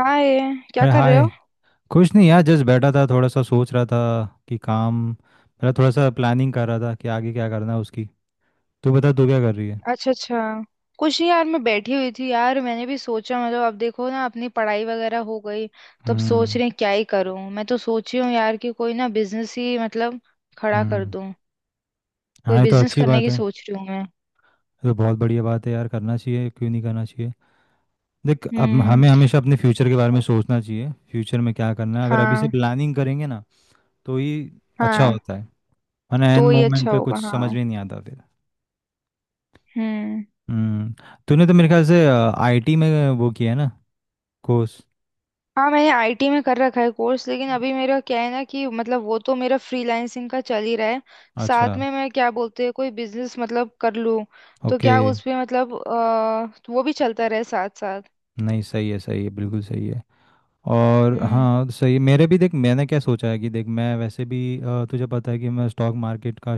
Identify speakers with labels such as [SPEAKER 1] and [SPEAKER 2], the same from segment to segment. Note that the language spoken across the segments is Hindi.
[SPEAKER 1] हाय। क्या
[SPEAKER 2] अरे
[SPEAKER 1] कर रहे
[SPEAKER 2] हाय।
[SPEAKER 1] हो।
[SPEAKER 2] कुछ नहीं यार जस्ट बैठा था थोड़ा सा सोच रहा था कि काम मतलब थोड़ा सा प्लानिंग कर रहा था कि आगे क्या करना है उसकी। तू बता तू क्या कर रही है।
[SPEAKER 1] अच्छा अच्छा। कुछ नहीं यार, मैं बैठी हुई थी यार, मैंने भी सोचा मतलब अब देखो ना, अपनी पढ़ाई वगैरह हो गई। तो अब
[SPEAKER 2] हम्म।
[SPEAKER 1] सोच रहे हैं क्या ही करूं। मैं तो सोच रही हूँ यार कि कोई ना बिजनेस ही मतलब खड़ा कर
[SPEAKER 2] हम्म।
[SPEAKER 1] दूं। कोई
[SPEAKER 2] हाँ ये तो
[SPEAKER 1] बिजनेस
[SPEAKER 2] अच्छी
[SPEAKER 1] करने
[SPEAKER 2] बात
[SPEAKER 1] की
[SPEAKER 2] है।
[SPEAKER 1] सोच रही हूँ मैं।
[SPEAKER 2] ये तो बहुत बढ़िया बात है यार करना चाहिए क्यों नहीं करना चाहिए। देख अब
[SPEAKER 1] हम्म।
[SPEAKER 2] हमें हमेशा अपने फ्यूचर के बारे में सोचना चाहिए फ्यूचर में क्या करना है अगर अभी से
[SPEAKER 1] हाँ।
[SPEAKER 2] प्लानिंग करेंगे ना तो ये अच्छा
[SPEAKER 1] हाँ
[SPEAKER 2] होता है। वरना एन
[SPEAKER 1] तो ही
[SPEAKER 2] मोमेंट
[SPEAKER 1] अच्छा
[SPEAKER 2] पे
[SPEAKER 1] होगा
[SPEAKER 2] कुछ समझ
[SPEAKER 1] हाँ।
[SPEAKER 2] में नहीं आता फिर।
[SPEAKER 1] हम्म।
[SPEAKER 2] हम्म। तूने तो मेरे ख्याल से आईटी में वो किया है ना कोर्स।
[SPEAKER 1] हाँ, मैंने आईटी में कर रखा है कोर्स। लेकिन अभी मेरा क्या है ना कि मतलब वो तो मेरा फ्रीलांसिंग का चल ही रहा है।
[SPEAKER 2] अच्छा।
[SPEAKER 1] साथ में मैं, क्या बोलते हैं, कोई बिजनेस मतलब कर लूँ। तो
[SPEAKER 2] ओके।
[SPEAKER 1] क्या उस पे मतलब तो वो भी चलता रहे साथ साथ।
[SPEAKER 2] नहीं सही है सही है बिल्कुल सही है। और
[SPEAKER 1] हम्म।
[SPEAKER 2] हाँ सही मेरे भी देख मैंने क्या सोचा है कि देख मैं वैसे भी तुझे पता है कि मैं स्टॉक मार्केट का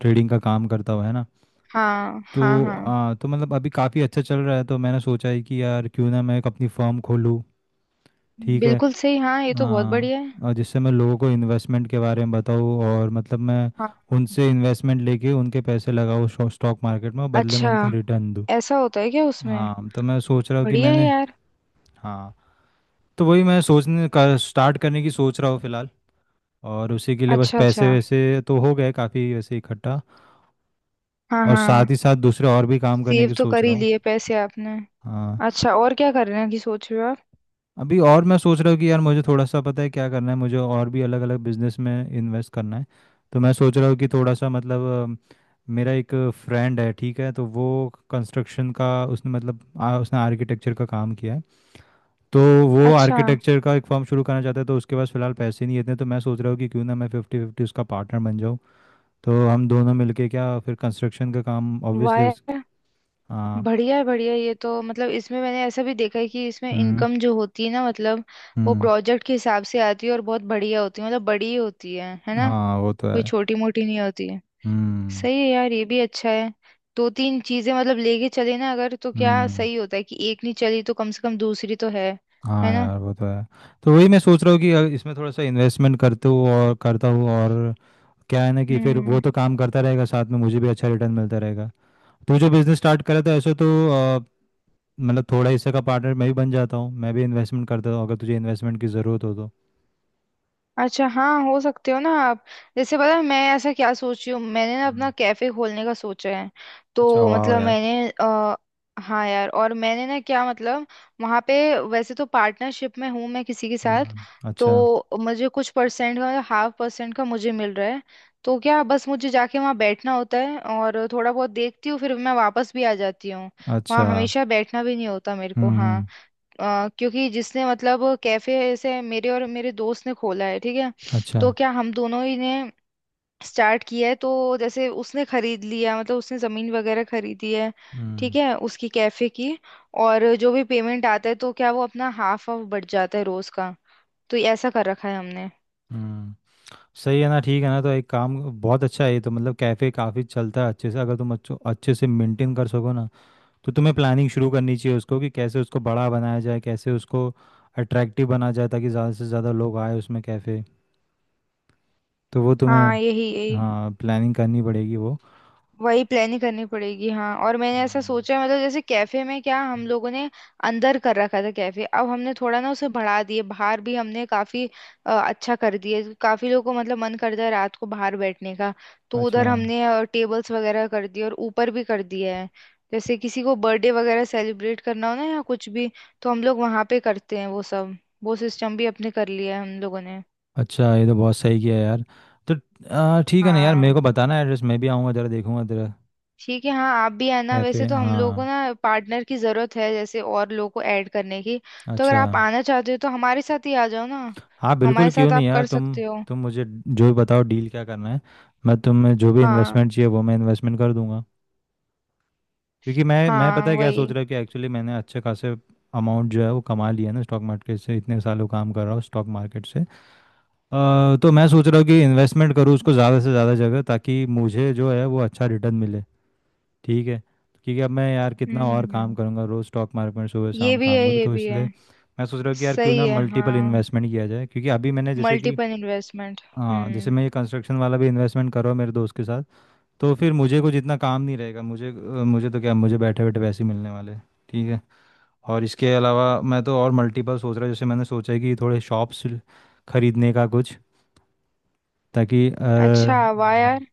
[SPEAKER 2] ट्रेडिंग का काम करता हुआ है ना।
[SPEAKER 1] हाँ हाँ
[SPEAKER 2] तो
[SPEAKER 1] हाँ।
[SPEAKER 2] तो मतलब अभी काफ़ी अच्छा चल रहा है तो मैंने सोचा है कि यार क्यों ना मैं एक अपनी फर्म खोलूँ। ठीक है।
[SPEAKER 1] बिल्कुल सही, हाँ, ये तो बहुत
[SPEAKER 2] हाँ
[SPEAKER 1] बढ़िया है।
[SPEAKER 2] और जिससे मैं लोगों को इन्वेस्टमेंट के बारे में बताऊँ और मतलब मैं
[SPEAKER 1] हाँ।
[SPEAKER 2] उनसे इन्वेस्टमेंट लेके उनके पैसे लगाऊँ स्टॉक मार्केट में और बदले में
[SPEAKER 1] अच्छा,
[SPEAKER 2] उनको रिटर्न दूँ।
[SPEAKER 1] ऐसा होता है क्या उसमें?
[SPEAKER 2] हाँ तो मैं सोच रहा हूँ कि
[SPEAKER 1] बढ़िया है
[SPEAKER 2] मैंने।
[SPEAKER 1] यार।
[SPEAKER 2] हाँ तो वही मैं सोचने का स्टार्ट करने की सोच रहा हूँ फिलहाल। और उसी के लिए बस
[SPEAKER 1] अच्छा अच्छा।
[SPEAKER 2] पैसे वैसे तो हो गए काफ़ी वैसे इकट्ठा।
[SPEAKER 1] हाँ
[SPEAKER 2] और
[SPEAKER 1] हाँ।
[SPEAKER 2] साथ ही साथ दूसरे और भी काम करने
[SPEAKER 1] सेव
[SPEAKER 2] की
[SPEAKER 1] तो
[SPEAKER 2] सोच
[SPEAKER 1] कर
[SPEAKER 2] रहा
[SPEAKER 1] ही
[SPEAKER 2] हूँ।
[SPEAKER 1] लिए पैसे आपने।
[SPEAKER 2] हाँ।
[SPEAKER 1] अच्छा, और क्या कर रहे हैं कि सोच रहे हो आप?
[SPEAKER 2] अभी और मैं सोच रहा हूँ कि यार मुझे थोड़ा सा पता है क्या करना है मुझे और भी अलग अलग बिजनेस में इन्वेस्ट करना है। तो मैं सोच रहा हूँ कि थोड़ा सा मतलब मेरा एक फ्रेंड है ठीक है तो वो कंस्ट्रक्शन का उसने मतलब उसने आर्किटेक्चर का काम किया है। तो वो
[SPEAKER 1] अच्छा,
[SPEAKER 2] आर्किटेक्चर का एक फर्म शुरू करना चाहता है तो उसके पास फिलहाल पैसे नहीं है इतने तो मैं सोच रहा हूँ कि क्यों ना मैं फिफ्टी फिफ्टी उसका पार्टनर बन जाऊँ। तो हम दोनों मिलके क्या फिर कंस्ट्रक्शन का काम ऑब्वियसली उस।
[SPEAKER 1] वाह।
[SPEAKER 2] हाँ।
[SPEAKER 1] बढ़िया है, ये तो मतलब इसमें मैंने ऐसा भी देखा है कि इसमें
[SPEAKER 2] हम्म।
[SPEAKER 1] इनकम जो होती है ना मतलब वो
[SPEAKER 2] हम्म।
[SPEAKER 1] प्रोजेक्ट के हिसाब से आती है और बहुत बढ़िया होती है, मतलब बड़ी होती है ना।
[SPEAKER 2] हाँ वो तो
[SPEAKER 1] कोई
[SPEAKER 2] है।
[SPEAKER 1] छोटी मोटी नहीं होती है।
[SPEAKER 2] हम्म।
[SPEAKER 1] सही है यार, ये भी अच्छा है। दो तीन चीजें मतलब लेके चले ना अगर, तो क्या
[SPEAKER 2] हम्म।
[SPEAKER 1] सही होता है कि एक नहीं चली तो कम से कम दूसरी तो है। है
[SPEAKER 2] हाँ
[SPEAKER 1] ना।
[SPEAKER 2] यार वो तो है। तो वही मैं सोच रहा हूँ कि इसमें थोड़ा सा इन्वेस्टमेंट करते हूँ और करता हूँ और क्या है ना कि फिर वो
[SPEAKER 1] हम्म,
[SPEAKER 2] तो काम करता रहेगा साथ में मुझे भी अच्छा रिटर्न मिलता रहेगा। तू जो बिजनेस स्टार्ट करा था ऐसे तो मतलब थोड़ा हिस्से का पार्टनर मैं भी बन जाता हूँ मैं भी इन्वेस्टमेंट करता हूँ अगर तुझे इन्वेस्टमेंट की ज़रूरत हो तो।
[SPEAKER 1] अच्छा, हाँ हो सकते हो ना आप। जैसे पता है, मैं ऐसा क्या सोच रही हूँ, मैंने ना
[SPEAKER 2] हम्म।
[SPEAKER 1] अपना कैफे खोलने का सोचा है।
[SPEAKER 2] अच्छा
[SPEAKER 1] तो
[SPEAKER 2] वाह
[SPEAKER 1] मतलब
[SPEAKER 2] यार।
[SPEAKER 1] मैंने। हाँ यार, और मैंने ना क्या मतलब वहाँ पे, वैसे तो पार्टनरशिप में हूँ मैं किसी के साथ।
[SPEAKER 2] हम्म। अच्छा
[SPEAKER 1] तो मुझे कुछ परसेंट का मतलब हाफ परसेंट का मुझे मिल रहा है। तो क्या बस मुझे जाके वहाँ बैठना होता है और थोड़ा बहुत देखती हूँ फिर मैं वापस भी आ जाती हूँ। वहाँ
[SPEAKER 2] अच्छा।
[SPEAKER 1] हमेशा बैठना भी नहीं होता मेरे को, हाँ।
[SPEAKER 2] हम्म।
[SPEAKER 1] क्योंकि जिसने मतलब कैफे ऐसे मेरे और मेरे दोस्त ने खोला है, ठीक है।
[SPEAKER 2] अच्छा।
[SPEAKER 1] तो क्या हम दोनों ही ने स्टार्ट किया है तो जैसे उसने खरीद लिया, मतलब उसने जमीन वगैरह खरीदी है,
[SPEAKER 2] हम्म।
[SPEAKER 1] ठीक है, उसकी कैफे की। और जो भी पेमेंट आता है तो क्या वो अपना हाफ ऑफ बढ़ जाता है रोज का। तो ये ऐसा कर रखा है हमने।
[SPEAKER 2] हम्म। सही है ना ठीक है ना तो एक काम बहुत अच्छा है ये तो मतलब कैफ़े काफ़ी चलता है अच्छे से अगर तुम अच्छो अच्छे से मेंटेन कर सको ना तो तुम्हें प्लानिंग शुरू करनी चाहिए उसको कि कैसे उसको बड़ा बनाया जाए कैसे उसको अट्रैक्टिव बना जाए ताकि ज़्यादा से ज़्यादा लोग आए उसमें कैफ़े। तो वो तुम्हें
[SPEAKER 1] हाँ, यही यही।
[SPEAKER 2] हाँ प्लानिंग करनी पड़ेगी वो।
[SPEAKER 1] वही प्लानिंग करनी पड़ेगी, हाँ। और मैंने ऐसा
[SPEAKER 2] हम्म।
[SPEAKER 1] सोचा है, मतलब जैसे कैफे में क्या हम लोगों ने अंदर कर रखा था कैफे, अब हमने थोड़ा ना उसे बढ़ा दिए, बाहर भी हमने काफी अच्छा कर दिए, काफी लोगों को मतलब मन करता है रात को बाहर बैठने का। तो
[SPEAKER 2] अच्छा
[SPEAKER 1] उधर हमने टेबल्स वगैरह कर दिए और ऊपर भी कर दिया है। जैसे किसी को बर्थडे वगैरह सेलिब्रेट करना हो ना या कुछ भी, तो हम लोग वहां पे करते हैं वो सब। वो सिस्टम भी अपने कर लिया है हम लोगों ने।
[SPEAKER 2] अच्छा ये तो बहुत सही किया यार। तो ठीक है ना यार मेरे
[SPEAKER 1] हाँ
[SPEAKER 2] को बताना एड्रेस मैं भी आऊँगा ज़रा देखूँगा तेरा
[SPEAKER 1] ठीक है, हाँ आप भी आना।
[SPEAKER 2] कैफ़े।
[SPEAKER 1] वैसे तो हम लोगों को
[SPEAKER 2] हाँ।
[SPEAKER 1] ना पार्टनर की जरूरत है, जैसे और लोगों को ऐड करने की। तो अगर
[SPEAKER 2] अच्छा।
[SPEAKER 1] आप आना चाहते हो तो हमारे साथ ही आ जाओ ना।
[SPEAKER 2] हाँ बिल्कुल
[SPEAKER 1] हमारे
[SPEAKER 2] क्यों
[SPEAKER 1] साथ
[SPEAKER 2] नहीं
[SPEAKER 1] आप
[SPEAKER 2] यार
[SPEAKER 1] कर सकते हो।
[SPEAKER 2] तुम मुझे जो भी बताओ डील क्या करना है मैं तुम्हें जो भी
[SPEAKER 1] हाँ
[SPEAKER 2] इन्वेस्टमेंट चाहिए वो मैं इन्वेस्टमेंट कर दूंगा। क्योंकि मैं पता
[SPEAKER 1] हाँ,
[SPEAKER 2] है क्या सोच
[SPEAKER 1] वही।
[SPEAKER 2] रहा हूँ कि एक्चुअली मैंने अच्छे खासे अमाउंट जो है वो कमा लिया है ना स्टॉक मार्केट से इतने सालों काम कर रहा हूँ स्टॉक मार्केट से तो मैं सोच रहा हूँ कि इन्वेस्टमेंट करूँ उसको ज़्यादा से ज़्यादा जगह ताकि मुझे जो है वो अच्छा रिटर्न मिले। ठीक है। क्योंकि अब मैं यार कितना और काम
[SPEAKER 1] हम्म,
[SPEAKER 2] करूँगा रोज़ स्टॉक मार्केट में सुबह
[SPEAKER 1] ये
[SPEAKER 2] शाम
[SPEAKER 1] भी है
[SPEAKER 2] काम करूँ
[SPEAKER 1] ये
[SPEAKER 2] तो
[SPEAKER 1] भी है।
[SPEAKER 2] इसलिए मैं सोच रहा हूँ कि यार क्यों
[SPEAKER 1] सही
[SPEAKER 2] ना
[SPEAKER 1] है
[SPEAKER 2] मल्टीपल
[SPEAKER 1] हाँ,
[SPEAKER 2] इन्वेस्टमेंट किया जाए क्योंकि अभी मैंने जैसे कि
[SPEAKER 1] मल्टीपल इन्वेस्टमेंट।
[SPEAKER 2] हाँ जैसे
[SPEAKER 1] हम्म,
[SPEAKER 2] मैं ये कंस्ट्रक्शन वाला भी इन्वेस्टमेंट कर रहा हूँ मेरे दोस्त के साथ। तो फिर मुझे कुछ इतना काम नहीं रहेगा मुझे मुझे तो क्या मुझे बैठे बैठे पैसे मिलने वाले हैं। ठीक है। और इसके अलावा मैं तो और मल्टीपल सोच रहा हूँ जैसे मैंने सोचा है कि थोड़े शॉप्स खरीदने का कुछ ताकि
[SPEAKER 1] अच्छा, वाह
[SPEAKER 2] हाँ
[SPEAKER 1] यार।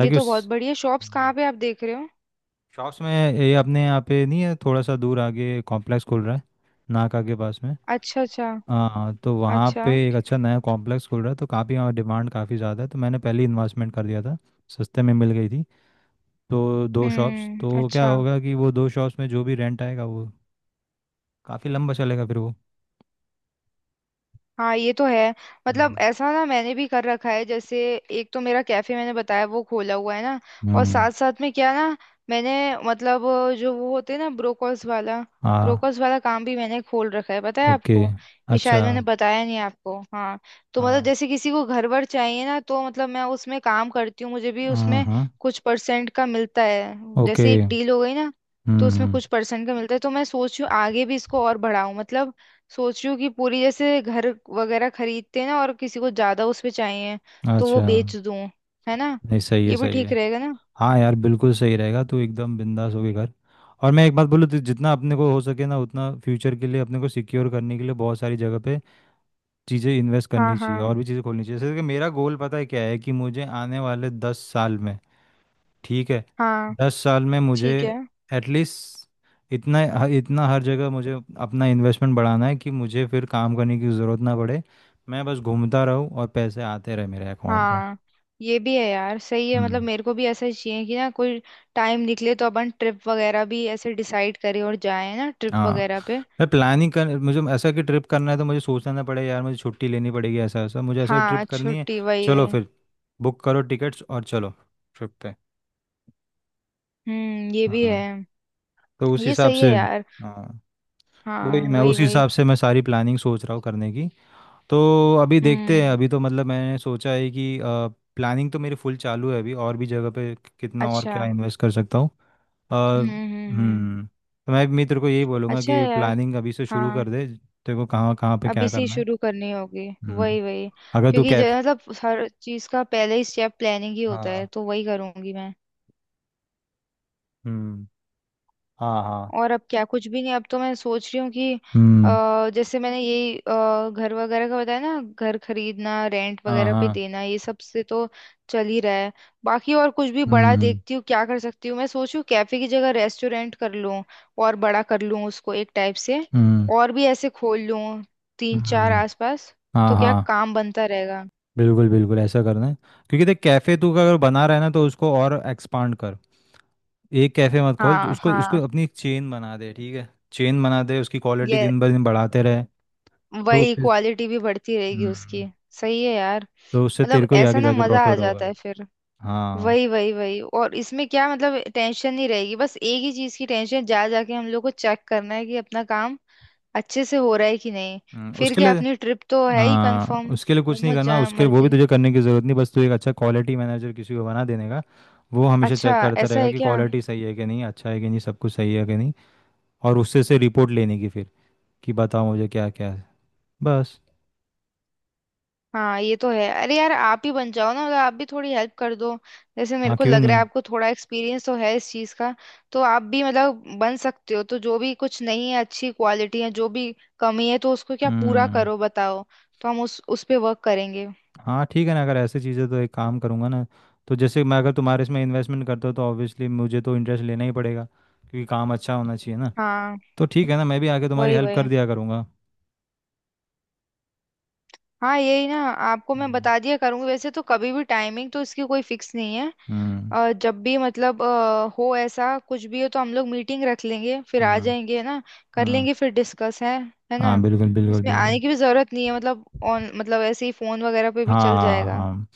[SPEAKER 1] ये तो बहुत
[SPEAKER 2] उस
[SPEAKER 1] बढ़िया, शॉप्स कहाँ
[SPEAKER 2] हाँ,
[SPEAKER 1] पे आप देख रहे हो?
[SPEAKER 2] शॉप्स में ये अपने यहाँ पे नहीं है थोड़ा सा दूर आगे कॉम्प्लेक्स खुल रहा है नाका के पास में।
[SPEAKER 1] अच्छा अच्छा।
[SPEAKER 2] हाँ तो वहाँ
[SPEAKER 1] अच्छा।
[SPEAKER 2] पे एक अच्छा नया कॉम्प्लेक्स खुल रहा है तो काफ़ी वहाँ डिमांड काफ़ी ज़्यादा है तो मैंने पहले ही इन्वेस्टमेंट कर दिया था सस्ते में मिल गई थी। तो दो शॉप्स
[SPEAKER 1] हम्म,
[SPEAKER 2] तो क्या
[SPEAKER 1] अच्छा।
[SPEAKER 2] होगा कि वो दो शॉप्स में जो भी रेंट आएगा वो काफ़ी लंबा चलेगा फिर वो।
[SPEAKER 1] हाँ ये तो है, मतलब
[SPEAKER 2] हम्म।
[SPEAKER 1] ऐसा ना मैंने भी कर रखा है जैसे, एक तो मेरा कैफे मैंने बताया वो खोला हुआ है ना। और
[SPEAKER 2] हम्म।
[SPEAKER 1] साथ साथ में क्या ना, मैंने मतलब जो वो होते हैं ना, ब्रोकर्स वाला।
[SPEAKER 2] हाँ।
[SPEAKER 1] ब्रोकर्स वाला काम भी मैंने खोल रखा है, पता है
[SPEAKER 2] ओके।
[SPEAKER 1] आपको। ये
[SPEAKER 2] अच्छा।
[SPEAKER 1] शायद मैंने बताया नहीं आपको, हाँ। तो मतलब
[SPEAKER 2] हाँ
[SPEAKER 1] जैसे किसी को घर वर चाहिए ना, तो मतलब मैं उसमें काम करती हूँ, मुझे भी
[SPEAKER 2] हाँ
[SPEAKER 1] उसमें
[SPEAKER 2] हाँ।
[SPEAKER 1] कुछ परसेंट का मिलता है।
[SPEAKER 2] ओके।
[SPEAKER 1] जैसे एक डील हो गई ना, तो
[SPEAKER 2] हम्म।
[SPEAKER 1] उसमें
[SPEAKER 2] हम्म।
[SPEAKER 1] कुछ परसेंट का मिलता है। तो मैं सोच रही हूँ आगे भी इसको और बढ़ाऊं, मतलब सोच रही हूँ कि पूरी जैसे घर वगैरह खरीदते हैं ना, और किसी को ज्यादा उसपे चाहिए तो वो
[SPEAKER 2] अच्छा।
[SPEAKER 1] बेच दूं। है ना।
[SPEAKER 2] नहीं सही है
[SPEAKER 1] ये भी
[SPEAKER 2] सही
[SPEAKER 1] ठीक
[SPEAKER 2] है।
[SPEAKER 1] रहेगा ना।
[SPEAKER 2] हाँ यार बिल्कुल सही रहेगा तू एकदम बिंदास होके कर। और मैं एक बात बोलूँ तो जितना अपने को हो सके ना उतना फ्यूचर के लिए अपने को सिक्योर करने के लिए बहुत सारी जगह पे चीज़ें इन्वेस्ट
[SPEAKER 1] हाँ
[SPEAKER 2] करनी चाहिए
[SPEAKER 1] हाँ
[SPEAKER 2] और भी चीज़ें खोलनी चाहिए जैसे कि मेरा गोल पता है क्या है कि मुझे आने वाले 10 साल में। ठीक है।
[SPEAKER 1] हाँ,
[SPEAKER 2] 10 साल में मुझे
[SPEAKER 1] ठीक है,
[SPEAKER 2] एटलीस्ट इतना इतना हर जगह मुझे अपना इन्वेस्टमेंट बढ़ाना है कि मुझे फिर काम करने की ज़रूरत ना पड़े। मैं बस घूमता रहूँ और पैसे आते रहे मेरे अकाउंट में।
[SPEAKER 1] हाँ। ये भी है यार, सही है, मतलब
[SPEAKER 2] हम्म।
[SPEAKER 1] मेरे को भी ऐसा ही चाहिए कि ना कोई टाइम निकले तो अपन ट्रिप वगैरह भी ऐसे डिसाइड करें और जाए ना ट्रिप
[SPEAKER 2] हाँ।
[SPEAKER 1] वगैरह पे।
[SPEAKER 2] मैं प्लानिंग कर मुझे ऐसा कि ट्रिप करना है तो मुझे सोचना ना पड़े यार मुझे छुट्टी लेनी पड़ेगी ऐसा ऐसा मुझे ऐसे ट्रिप
[SPEAKER 1] हाँ
[SPEAKER 2] करनी है।
[SPEAKER 1] छुट्टी, वही
[SPEAKER 2] चलो
[SPEAKER 1] वही।
[SPEAKER 2] फिर बुक करो टिकट्स और चलो ट्रिप पे।
[SPEAKER 1] हम्म, ये भी है।
[SPEAKER 2] हाँ तो उस
[SPEAKER 1] ये
[SPEAKER 2] हिसाब
[SPEAKER 1] सही है
[SPEAKER 2] से
[SPEAKER 1] यार।
[SPEAKER 2] हाँ वही
[SPEAKER 1] हाँ,
[SPEAKER 2] मैं
[SPEAKER 1] वही
[SPEAKER 2] उस
[SPEAKER 1] वही।
[SPEAKER 2] हिसाब से मैं सारी प्लानिंग सोच रहा हूँ करने की। तो अभी देखते हैं
[SPEAKER 1] हम्म,
[SPEAKER 2] अभी तो मतलब मैंने सोचा है कि प्लानिंग तो मेरी फुल चालू है अभी और भी जगह पे कितना और
[SPEAKER 1] अच्छा।
[SPEAKER 2] क्या इन्वेस्ट कर सकता हूँ।
[SPEAKER 1] हम्म।
[SPEAKER 2] हम्म। तो मैं भी मित्र को यही बोलूँगा
[SPEAKER 1] अच्छा
[SPEAKER 2] कि
[SPEAKER 1] है यार।
[SPEAKER 2] प्लानिंग अभी से शुरू
[SPEAKER 1] हाँ,
[SPEAKER 2] कर दे तेरे को कहाँ कहाँ पे
[SPEAKER 1] अब
[SPEAKER 2] क्या
[SPEAKER 1] इसी
[SPEAKER 2] करना है।
[SPEAKER 1] शुरू करनी होगी।
[SPEAKER 2] हम्म।
[SPEAKER 1] वही वही।
[SPEAKER 2] अगर तू
[SPEAKER 1] क्योंकि जो
[SPEAKER 2] कैफ
[SPEAKER 1] मतलब हर चीज का पहले ही स्टेप प्लानिंग ही होता है,
[SPEAKER 2] हाँ
[SPEAKER 1] तो वही करूंगी मैं।
[SPEAKER 2] हम्म हाँ हाँ
[SPEAKER 1] और अब क्या कुछ भी नहीं, अब तो मैं सोच रही हूँ कि
[SPEAKER 2] हम्म
[SPEAKER 1] जैसे मैंने यही घर वगैरह का बताया ना, घर खरीदना रेंट
[SPEAKER 2] हाँ
[SPEAKER 1] वगैरह पे
[SPEAKER 2] हाँ
[SPEAKER 1] देना, ये सब से तो चल ही रहा है। बाकी और कुछ भी बड़ा
[SPEAKER 2] हम्म
[SPEAKER 1] देखती हूँ क्या कर सकती हूँ। मैं सोच रही हूँ कैफे की जगह रेस्टोरेंट कर लूँ और बड़ा कर लूँ उसको एक टाइप से।
[SPEAKER 2] हम्म
[SPEAKER 1] और भी ऐसे खोल लूँ, तीन चार
[SPEAKER 2] हम्म
[SPEAKER 1] आसपास,
[SPEAKER 2] हाँ
[SPEAKER 1] तो क्या
[SPEAKER 2] हाँ
[SPEAKER 1] काम बनता रहेगा।
[SPEAKER 2] बिल्कुल बिल्कुल ऐसा करना है। क्योंकि देख कैफ़े तू अगर बना रहा है ना तो उसको और एक्सपांड कर। एक कैफ़े मत खोल
[SPEAKER 1] हाँ
[SPEAKER 2] उसको उसको
[SPEAKER 1] हाँ,
[SPEAKER 2] अपनी चेन बना दे ठीक है। चेन बना दे उसकी क्वालिटी
[SPEAKER 1] ये
[SPEAKER 2] दिन ब दिन बढ़ाते रहे। तो
[SPEAKER 1] वही, क्वालिटी भी बढ़ती रहेगी उसकी।
[SPEAKER 2] हम्म
[SPEAKER 1] सही है यार,
[SPEAKER 2] तो उससे
[SPEAKER 1] मतलब
[SPEAKER 2] तेरे को ही
[SPEAKER 1] ऐसा
[SPEAKER 2] आगे
[SPEAKER 1] ना
[SPEAKER 2] जाके
[SPEAKER 1] मजा आ
[SPEAKER 2] प्रॉफिट
[SPEAKER 1] जाता
[SPEAKER 2] होगा।
[SPEAKER 1] है फिर।
[SPEAKER 2] हाँ।
[SPEAKER 1] वही वही वही। और इसमें क्या मतलब टेंशन नहीं रहेगी, बस एक ही चीज की टेंशन, जा जाके हम लोग को चेक करना है कि अपना काम अच्छे से हो रहा है कि नहीं। फिर
[SPEAKER 2] उसके
[SPEAKER 1] क्या,
[SPEAKER 2] लिए
[SPEAKER 1] अपनी ट्रिप तो है ही
[SPEAKER 2] हाँ
[SPEAKER 1] कंफर्म।
[SPEAKER 2] उसके लिए कुछ नहीं
[SPEAKER 1] घूमो
[SPEAKER 2] करना
[SPEAKER 1] जाए
[SPEAKER 2] उसके लिए वो भी
[SPEAKER 1] मर्जी।
[SPEAKER 2] तुझे करने की ज़रूरत नहीं बस तू एक अच्छा क्वालिटी मैनेजर किसी को बना देने का। वो हमेशा
[SPEAKER 1] अच्छा,
[SPEAKER 2] चेक करता
[SPEAKER 1] ऐसा
[SPEAKER 2] रहेगा
[SPEAKER 1] है
[SPEAKER 2] कि
[SPEAKER 1] क्या?
[SPEAKER 2] क्वालिटी सही है कि नहीं अच्छा है कि नहीं सब कुछ सही है कि नहीं। और उससे से रिपोर्ट लेने की फिर कि बताओ मुझे क्या क्या है बस।
[SPEAKER 1] हाँ ये तो है, अरे यार आप ही बन जाओ ना, मतलब आप भी थोड़ी हेल्प कर दो। जैसे मेरे
[SPEAKER 2] हाँ
[SPEAKER 1] को
[SPEAKER 2] क्यों
[SPEAKER 1] लग रहा
[SPEAKER 2] नहीं।
[SPEAKER 1] है आपको थोड़ा एक्सपीरियंस तो है इस चीज़ का। तो आप भी मतलब बन सकते हो, तो जो भी कुछ नहीं है, अच्छी क्वालिटी है, जो भी कमी है तो उसको क्या पूरा
[SPEAKER 2] हम्म।
[SPEAKER 1] करो, बताओ। तो हम उस पे वर्क करेंगे।
[SPEAKER 2] हाँ ठीक है ना अगर ऐसी चीज़ें तो एक काम करूँगा ना तो जैसे मैं अगर तुम्हारे इसमें इन्वेस्टमेंट करता हूँ तो ऑब्वियसली मुझे तो इंटरेस्ट लेना ही पड़ेगा क्योंकि काम अच्छा होना चाहिए ना।
[SPEAKER 1] हाँ,
[SPEAKER 2] तो ठीक है ना मैं भी आके तुम्हारी
[SPEAKER 1] वही
[SPEAKER 2] हेल्प कर
[SPEAKER 1] वही।
[SPEAKER 2] दिया करूँगा।
[SPEAKER 1] हाँ यही ना, आपको मैं
[SPEAKER 2] हम्म।
[SPEAKER 1] बता दिया करूंगी, वैसे तो कभी भी, टाइमिंग तो इसकी कोई फिक्स नहीं है।
[SPEAKER 2] हम्म।
[SPEAKER 1] जब भी मतलब हो, ऐसा कुछ भी हो तो हम लोग मीटिंग रख लेंगे फिर आ
[SPEAKER 2] हम्म।
[SPEAKER 1] जाएंगे, है ना। कर
[SPEAKER 2] हम्म।
[SPEAKER 1] लेंगे फिर डिस्कस है। है
[SPEAKER 2] हाँ
[SPEAKER 1] ना।
[SPEAKER 2] बिल्कुल बिल्कुल
[SPEAKER 1] इसमें
[SPEAKER 2] बिल्कुल।
[SPEAKER 1] आने की भी जरूरत नहीं है मतलब, ऑन मतलब ऐसे ही फोन वगैरह पे भी
[SPEAKER 2] हाँ
[SPEAKER 1] चल
[SPEAKER 2] हाँ
[SPEAKER 1] जाएगा।
[SPEAKER 2] हाँ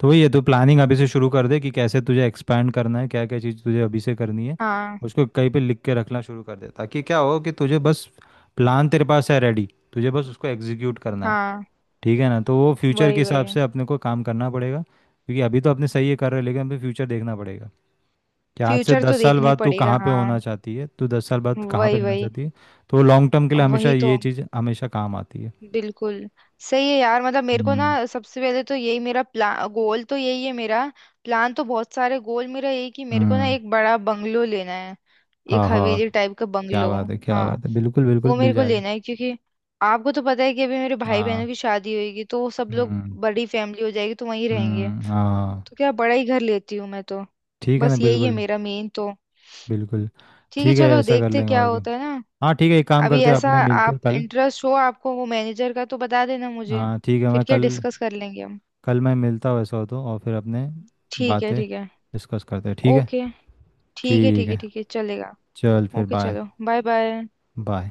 [SPEAKER 2] तो वही है तो प्लानिंग अभी से शुरू कर दे कि कैसे तुझे एक्सपैंड करना है क्या क्या चीज़ तुझे अभी से करनी है।
[SPEAKER 1] हाँ
[SPEAKER 2] उसको कहीं पे लिख के रखना शुरू कर दे ताकि क्या हो कि तुझे बस प्लान तेरे पास है रेडी तुझे बस उसको एग्जीक्यूट करना है।
[SPEAKER 1] हाँ,
[SPEAKER 2] ठीक है ना तो वो फ्यूचर के
[SPEAKER 1] वही वही।
[SPEAKER 2] हिसाब से अपने को काम करना पड़ेगा क्योंकि अभी तो अपने सही है कर रहे हैं लेकिन अभी फ्यूचर देखना पड़ेगा कि आज से
[SPEAKER 1] फ्यूचर
[SPEAKER 2] दस
[SPEAKER 1] तो
[SPEAKER 2] साल
[SPEAKER 1] देखना ही
[SPEAKER 2] बाद तू
[SPEAKER 1] पड़ेगा,
[SPEAKER 2] कहाँ पे
[SPEAKER 1] हाँ।
[SPEAKER 2] होना चाहती है तू 10 साल बाद कहाँ पे
[SPEAKER 1] वही
[SPEAKER 2] रहना
[SPEAKER 1] वही
[SPEAKER 2] चाहती है। तो लॉन्ग टर्म के लिए हमेशा
[SPEAKER 1] वही तो,
[SPEAKER 2] ये चीज़ हमेशा काम आती है।
[SPEAKER 1] बिल्कुल। सही है यार, मतलब मेरे को ना
[SPEAKER 2] हम्म।
[SPEAKER 1] सबसे पहले तो यही मेरा प्लान गोल तो यही है मेरा। प्लान तो बहुत सारे, गोल मेरा यही कि मेरे को ना
[SPEAKER 2] हम्म।
[SPEAKER 1] एक बड़ा बंगलो लेना है।
[SPEAKER 2] हाँ
[SPEAKER 1] एक
[SPEAKER 2] हाँ
[SPEAKER 1] हवेली टाइप का बंगलो।
[SPEAKER 2] क्या
[SPEAKER 1] हाँ,
[SPEAKER 2] बात है बिल्कुल बिल्कुल
[SPEAKER 1] वो
[SPEAKER 2] मिल
[SPEAKER 1] मेरे को
[SPEAKER 2] जाएगा।
[SPEAKER 1] लेना है क्योंकि आपको तो पता है कि अभी मेरे भाई बहनों
[SPEAKER 2] हाँ।
[SPEAKER 1] की शादी होगी तो वो सब लोग,
[SPEAKER 2] हम्म।
[SPEAKER 1] बड़ी फैमिली हो जाएगी तो वहीं रहेंगे।
[SPEAKER 2] हम्म। हाँ
[SPEAKER 1] तो क्या बड़ा ही घर लेती हूँ मैं तो।
[SPEAKER 2] ठीक है ना
[SPEAKER 1] बस यही है
[SPEAKER 2] बिल्कुल
[SPEAKER 1] मेरा मेन तो।
[SPEAKER 2] बिल्कुल।
[SPEAKER 1] ठीक है,
[SPEAKER 2] ठीक है
[SPEAKER 1] चलो
[SPEAKER 2] ऐसा कर
[SPEAKER 1] देखते
[SPEAKER 2] लेंगे
[SPEAKER 1] क्या
[SPEAKER 2] और क्या।
[SPEAKER 1] होता है ना।
[SPEAKER 2] हाँ ठीक है एक काम
[SPEAKER 1] अभी
[SPEAKER 2] करते हैं
[SPEAKER 1] ऐसा,
[SPEAKER 2] अपने मिलते
[SPEAKER 1] आप
[SPEAKER 2] हैं कल।
[SPEAKER 1] इंटरेस्ट हो, आपको वो मैनेजर का तो बता देना मुझे।
[SPEAKER 2] हाँ ठीक है मैं
[SPEAKER 1] फिर क्या,
[SPEAKER 2] कल
[SPEAKER 1] डिस्कस कर लेंगे हम।
[SPEAKER 2] कल मैं मिलता हूँ ऐसा हो तो और फिर अपने
[SPEAKER 1] ठीक है
[SPEAKER 2] बातें
[SPEAKER 1] ठीक है,
[SPEAKER 2] डिस्कस करते हैं ठीक है।
[SPEAKER 1] ओके, ठीक है
[SPEAKER 2] ठीक
[SPEAKER 1] ठीक है
[SPEAKER 2] है।
[SPEAKER 1] ठीक है, चलेगा।
[SPEAKER 2] चल फिर
[SPEAKER 1] ओके,
[SPEAKER 2] बाय।
[SPEAKER 1] चलो, बाय बाय।
[SPEAKER 2] बाय।